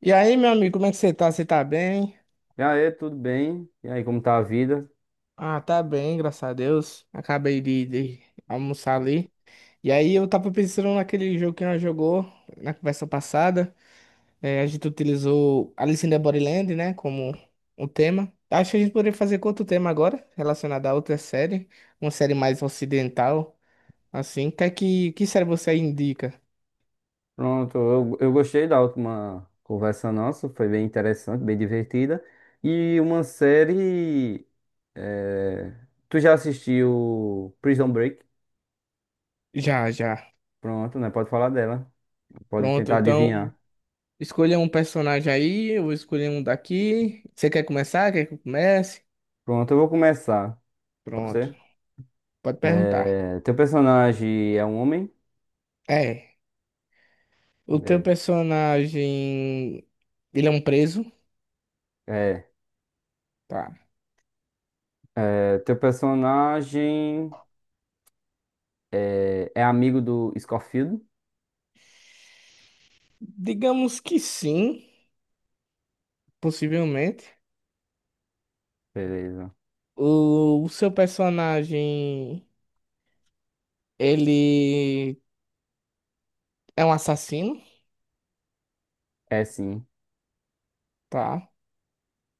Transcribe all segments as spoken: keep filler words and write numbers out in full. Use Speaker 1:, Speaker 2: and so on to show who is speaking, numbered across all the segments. Speaker 1: E aí, meu amigo, como é que você tá? Você tá bem?
Speaker 2: E aí, tudo bem? E aí, como tá a vida?
Speaker 1: Ah, tá bem, graças a Deus. Acabei de, de almoçar ali. E aí, eu tava pensando naquele jogo que nós jogou na conversa passada. É, a gente utilizou Alice in the Borderland, né, como um tema. Acho que a gente poderia fazer com outro tema agora, relacionado a outra série. Uma série mais ocidental, assim. Que, é que, que série você aí indica?
Speaker 2: Pronto, eu, eu gostei da última conversa nossa, foi bem interessante, bem divertida. E uma série. eh, Tu já assistiu Prison Break?
Speaker 1: Já, já.
Speaker 2: Pronto, né? Pode falar dela. Pode
Speaker 1: Pronto,
Speaker 2: tentar
Speaker 1: então
Speaker 2: adivinhar.
Speaker 1: escolha um personagem aí, eu vou escolher um daqui. Você quer começar? Quer que eu comece?
Speaker 2: Pronto, eu vou começar. Pode
Speaker 1: Pronto.
Speaker 2: ser?
Speaker 1: Pode perguntar.
Speaker 2: Eh, Teu personagem é um homem?
Speaker 1: É. O teu
Speaker 2: Beleza.
Speaker 1: personagem. Ele é um preso?
Speaker 2: É.
Speaker 1: Tá.
Speaker 2: Eh, Teu personagem eh, é amigo do Scofield?
Speaker 1: Digamos que sim, possivelmente.
Speaker 2: Beleza.
Speaker 1: O, o seu personagem. Ele é um assassino?
Speaker 2: É sim.
Speaker 1: Tá.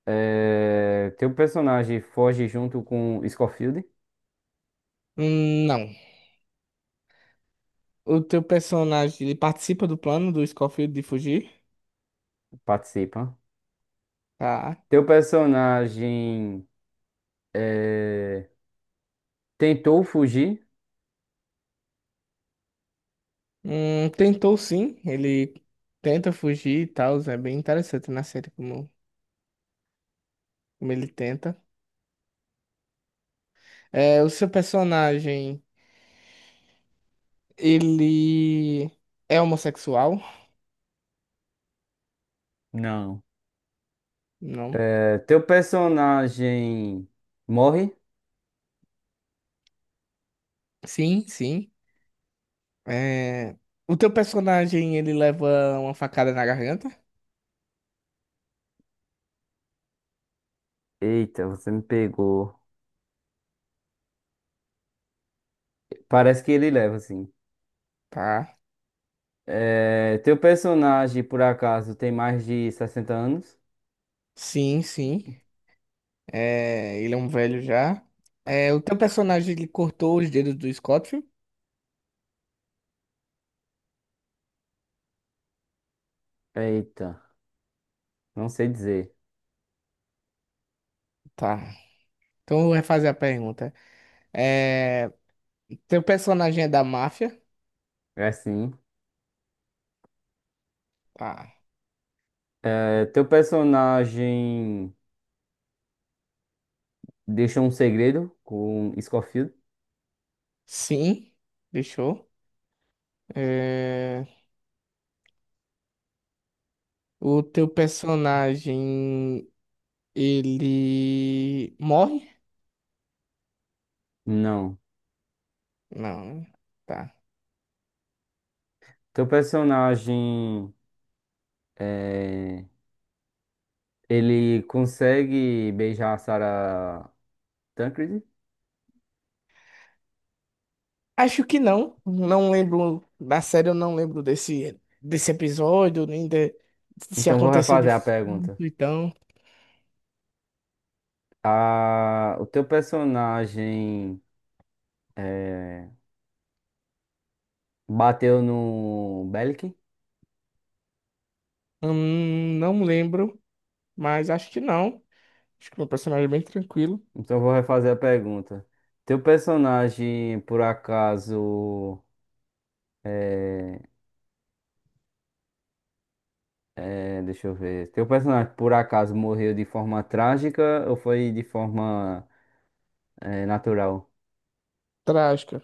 Speaker 2: É, teu personagem foge junto com Scofield?
Speaker 1: Hum, Não. O teu personagem. Ele participa do plano do Scofield de fugir?
Speaker 2: Participa.
Speaker 1: Tá.
Speaker 2: Teu personagem é, tentou fugir?
Speaker 1: Hum, tentou sim. Ele tenta fugir e tal. É bem interessante na série como, como ele tenta. É, o seu personagem. Ele é homossexual?
Speaker 2: Não.
Speaker 1: Não.
Speaker 2: É, teu personagem morre?
Speaker 1: Sim, sim. É, o teu personagem, ele leva uma facada na garganta?
Speaker 2: Eita, você me pegou. Parece que ele leva, assim.
Speaker 1: Tá.
Speaker 2: É, teu personagem, por acaso, tem mais de sessenta anos?
Speaker 1: Sim, sim. É, ele é um velho já. É, o teu personagem, ele cortou os dedos do Scofield?
Speaker 2: Eita, não sei dizer.
Speaker 1: Tá. Então eu vou refazer a pergunta. É... Teu personagem é da máfia?
Speaker 2: É sim.
Speaker 1: Tá.
Speaker 2: É, teu personagem deixou um segredo com Scofield?
Speaker 1: Sim. Fechou. É... O teu personagem, ele morre?
Speaker 2: Não.
Speaker 1: Não, né? Tá.
Speaker 2: Teu personagem, é, ele consegue beijar a Sarah Tancredi?
Speaker 1: Acho que não. Não lembro. Na série eu não lembro desse, desse episódio, nem de, se
Speaker 2: Então vou
Speaker 1: aconteceu de
Speaker 2: refazer a
Speaker 1: fato,
Speaker 2: pergunta.
Speaker 1: então.
Speaker 2: A, o teu personagem é, bateu no Belkin?
Speaker 1: Hum, não lembro, mas acho que não. Acho que meu personagem é bem tranquilo.
Speaker 2: Então vou refazer a pergunta. Teu personagem, por acaso, é, é, deixa eu ver. Teu personagem, por acaso, morreu de forma trágica ou foi de forma é, natural?
Speaker 1: Trágica.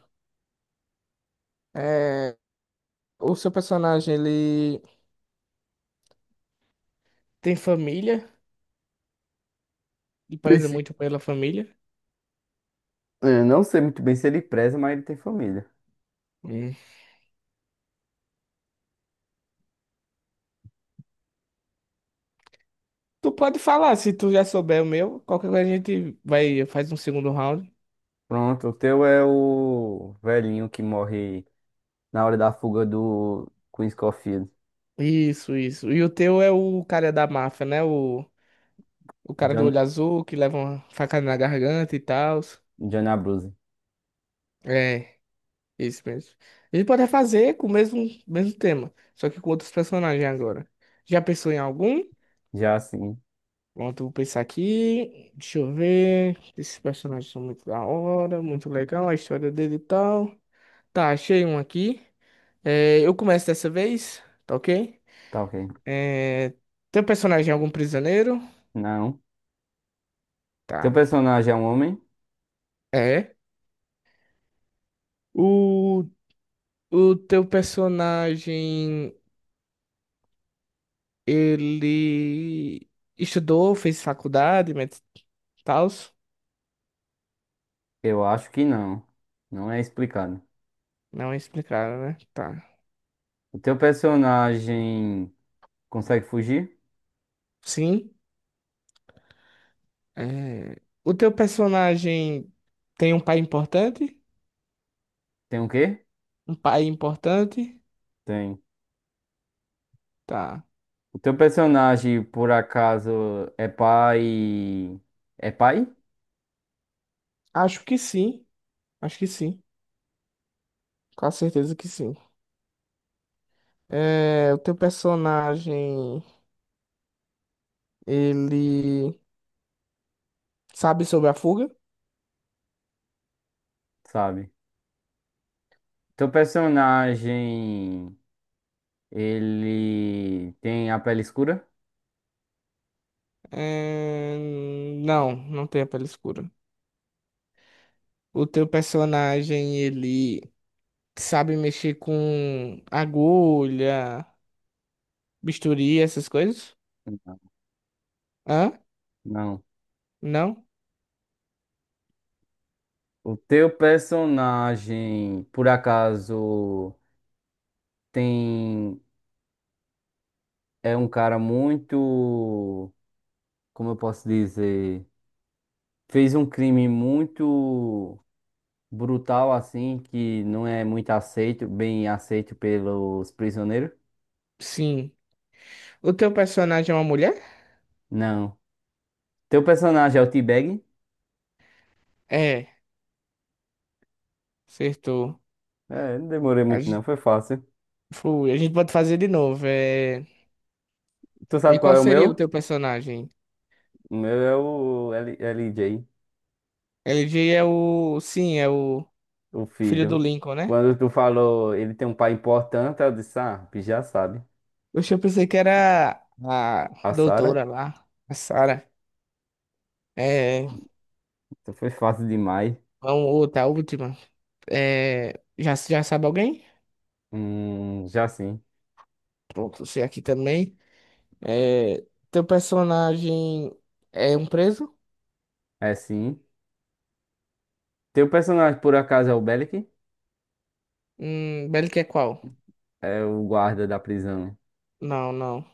Speaker 1: É, o seu personagem, ele tem família e
Speaker 2: Tem.
Speaker 1: preza muito pela família.
Speaker 2: Eu não sei muito bem se ele preza, mas ele tem família.
Speaker 1: Hum. Tu pode falar, se tu já souber o meu, qualquer coisa a gente vai, faz um segundo round.
Speaker 2: Pronto, o teu é o velhinho que morre na hora da fuga do Queen Scofield.
Speaker 1: Isso, isso. E o teu é o cara da máfia, né? O... O cara do
Speaker 2: John,
Speaker 1: olho azul que leva uma facada na garganta e tal.
Speaker 2: John Abruzzi.
Speaker 1: É, isso mesmo. A gente pode fazer com o mesmo, mesmo tema, só que com outros personagens agora. Já pensou em algum?
Speaker 2: Já sim,
Speaker 1: Pronto, vou pensar aqui. Deixa eu ver. Esses personagens são muito da hora, muito legal, a história dele e tal. Tá, achei um aqui. É, eu começo dessa vez, tá ok?
Speaker 2: tá ok.
Speaker 1: É, teu personagem é algum prisioneiro?
Speaker 2: Não. Teu
Speaker 1: Tá.
Speaker 2: personagem é um homem?
Speaker 1: É. O, o teu personagem. Ele estudou, fez faculdade, mas tal.
Speaker 2: Eu acho que não. Não é explicado.
Speaker 1: Não explicaram, né? Tá.
Speaker 2: O teu personagem consegue fugir?
Speaker 1: Sim. É, o teu personagem tem um pai importante?
Speaker 2: Tem o quê?
Speaker 1: Um pai importante?
Speaker 2: Tem.
Speaker 1: Tá.
Speaker 2: O teu personagem, por acaso, é pai. É pai?
Speaker 1: Acho que sim. Acho que sim. Com certeza que sim. É, o teu personagem, ele sabe sobre a fuga?
Speaker 2: Sabe? Teu personagem. Ele tem a pele escura?
Speaker 1: É, Não, não tem a pele escura. O teu personagem, ele sabe mexer com agulha, bisturi, essas coisas? Hã?
Speaker 2: Não.
Speaker 1: Não?
Speaker 2: O teu personagem, por acaso, tem é um cara muito, como eu posso dizer, fez um crime muito brutal assim, que não é muito aceito, bem aceito pelos prisioneiros?
Speaker 1: Sim. O teu personagem é uma mulher?
Speaker 2: Não. Teu personagem é o T-Bag?
Speaker 1: É, acertou.
Speaker 2: É, não demorei
Speaker 1: A
Speaker 2: muito não,
Speaker 1: gente,
Speaker 2: foi fácil.
Speaker 1: foi, a gente pode fazer de novo. É...
Speaker 2: Tu
Speaker 1: E
Speaker 2: sabe qual
Speaker 1: qual
Speaker 2: é o
Speaker 1: seria o
Speaker 2: meu?
Speaker 1: teu personagem?
Speaker 2: O meu é o L- LJ,
Speaker 1: L G é o. Sim, é o
Speaker 2: o
Speaker 1: filho do
Speaker 2: filho.
Speaker 1: Lincoln, né?
Speaker 2: Quando tu falou, ele tem um pai importante, eu disse, ah, tu já sabe.
Speaker 1: Oxe, eu pensei que era a
Speaker 2: A
Speaker 1: doutora
Speaker 2: Sarah,
Speaker 1: lá, a Sarah. É.
Speaker 2: então foi fácil demais.
Speaker 1: Vamos, outra, a última. É. Já, já sabe alguém?
Speaker 2: Hum, já sim.
Speaker 1: Pronto, você aqui também. É, teu personagem é um preso?
Speaker 2: É sim. Teu personagem, por acaso, é o Bellic?
Speaker 1: Hum, Bellic é qual?
Speaker 2: É o guarda da prisão.
Speaker 1: Não, não.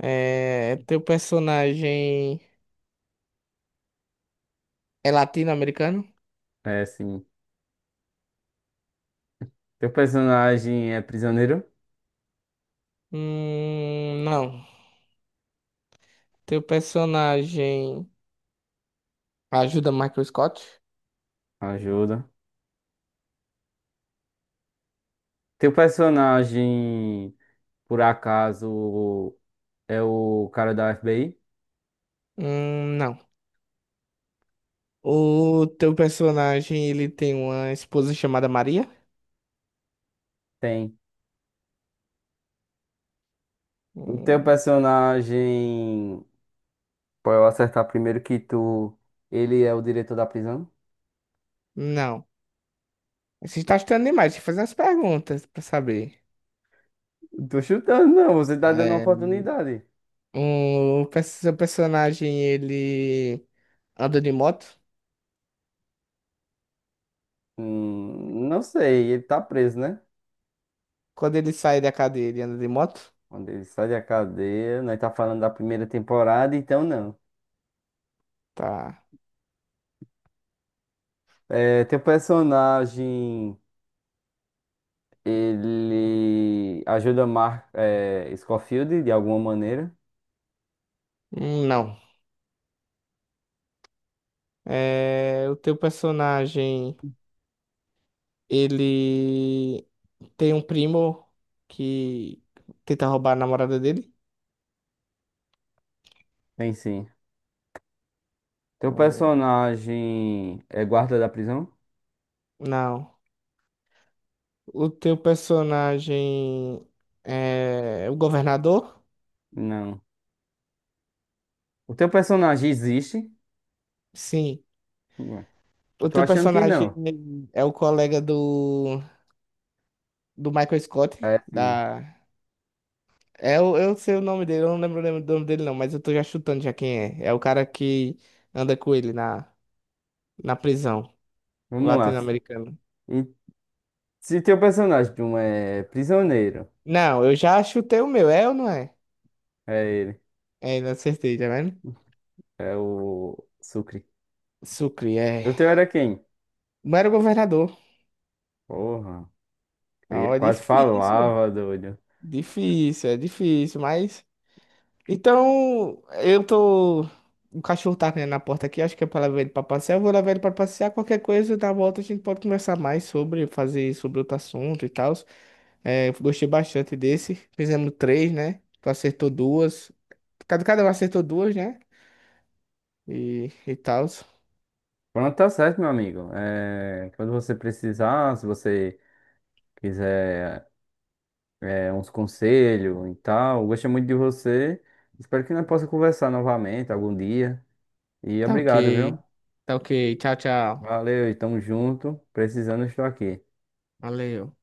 Speaker 1: É, teu personagem é latino-americano?
Speaker 2: É sim. Teu personagem é prisioneiro?
Speaker 1: Hum, não. Teu personagem ajuda Michael Scott?
Speaker 2: Ajuda. Teu personagem, por acaso, é o cara da F B I?
Speaker 1: Hum, não. O teu personagem, ele tem uma esposa chamada Maria?
Speaker 2: Tem. O teu
Speaker 1: Hum,
Speaker 2: personagem, pra eu acertar primeiro que tu, ele é o diretor da prisão?
Speaker 1: não. Você está estudando demais, deixa eu fazer as perguntas pra saber.
Speaker 2: Tô chutando, não. Você tá dando uma
Speaker 1: É,
Speaker 2: oportunidade.
Speaker 1: o, perso- seu personagem, ele anda de moto?
Speaker 2: Hum, não sei, ele tá preso, né?
Speaker 1: Quando ele sai da cadeia, ele anda de moto?
Speaker 2: Quando ele sai da cadeia, nós tá falando da primeira temporada, então não.
Speaker 1: Tá.
Speaker 2: É, teu personagem, ele ajuda Mark, é, Scofield de alguma maneira?
Speaker 1: Hum, Não. É, o teu personagem, ele tem um primo que tenta roubar a namorada dele?
Speaker 2: Tem sim. Teu
Speaker 1: Hum,
Speaker 2: personagem é guarda da prisão?
Speaker 1: Não. O teu personagem é o governador?
Speaker 2: Não. O teu personagem existe?
Speaker 1: Sim.
Speaker 2: Não.
Speaker 1: O
Speaker 2: Eu tô
Speaker 1: teu
Speaker 2: achando que
Speaker 1: personagem
Speaker 2: não.
Speaker 1: é o colega do, do Michael Scott,
Speaker 2: É sim.
Speaker 1: da é, eu, eu sei o nome dele, eu não lembro o nome dele não, mas eu tô já chutando já quem é. É o cara que anda com ele na, na prisão, o
Speaker 2: Vamos lá.
Speaker 1: latino-americano.
Speaker 2: E se teu personagem de um é prisioneiro,
Speaker 1: Não, eu já chutei o meu, é ou não é?
Speaker 2: é ele.
Speaker 1: É, não acertei, tá vendo?
Speaker 2: É o Sucre.
Speaker 1: Sucre, é.
Speaker 2: O teu era quem?
Speaker 1: Não era o governador.
Speaker 2: Porra. Eu ia-
Speaker 1: Não, é
Speaker 2: quase
Speaker 1: difícil,
Speaker 2: falava, doido.
Speaker 1: difícil, é difícil, mas... Então, eu tô... O cachorro tá né, na porta aqui, acho que é pra levar ele pra passear. Eu vou levar ele pra passear, qualquer coisa, da volta a gente pode conversar mais sobre, fazer sobre outro assunto e tal. É, eu gostei bastante desse. Fizemos três, né? Tu acertou duas. Cada, cada um acertou duas, né? E, e tal.
Speaker 2: Pronto, tá certo, meu amigo. É, quando você precisar, se você quiser. É, uns conselhos e tal. Gostei muito de você. Espero que nós possa conversar novamente algum dia. E
Speaker 1: Tá ok.
Speaker 2: obrigado, viu?
Speaker 1: Tá ok. Tchau, tchau.
Speaker 2: Valeu e tamo junto. Precisando, estou aqui.
Speaker 1: Valeu.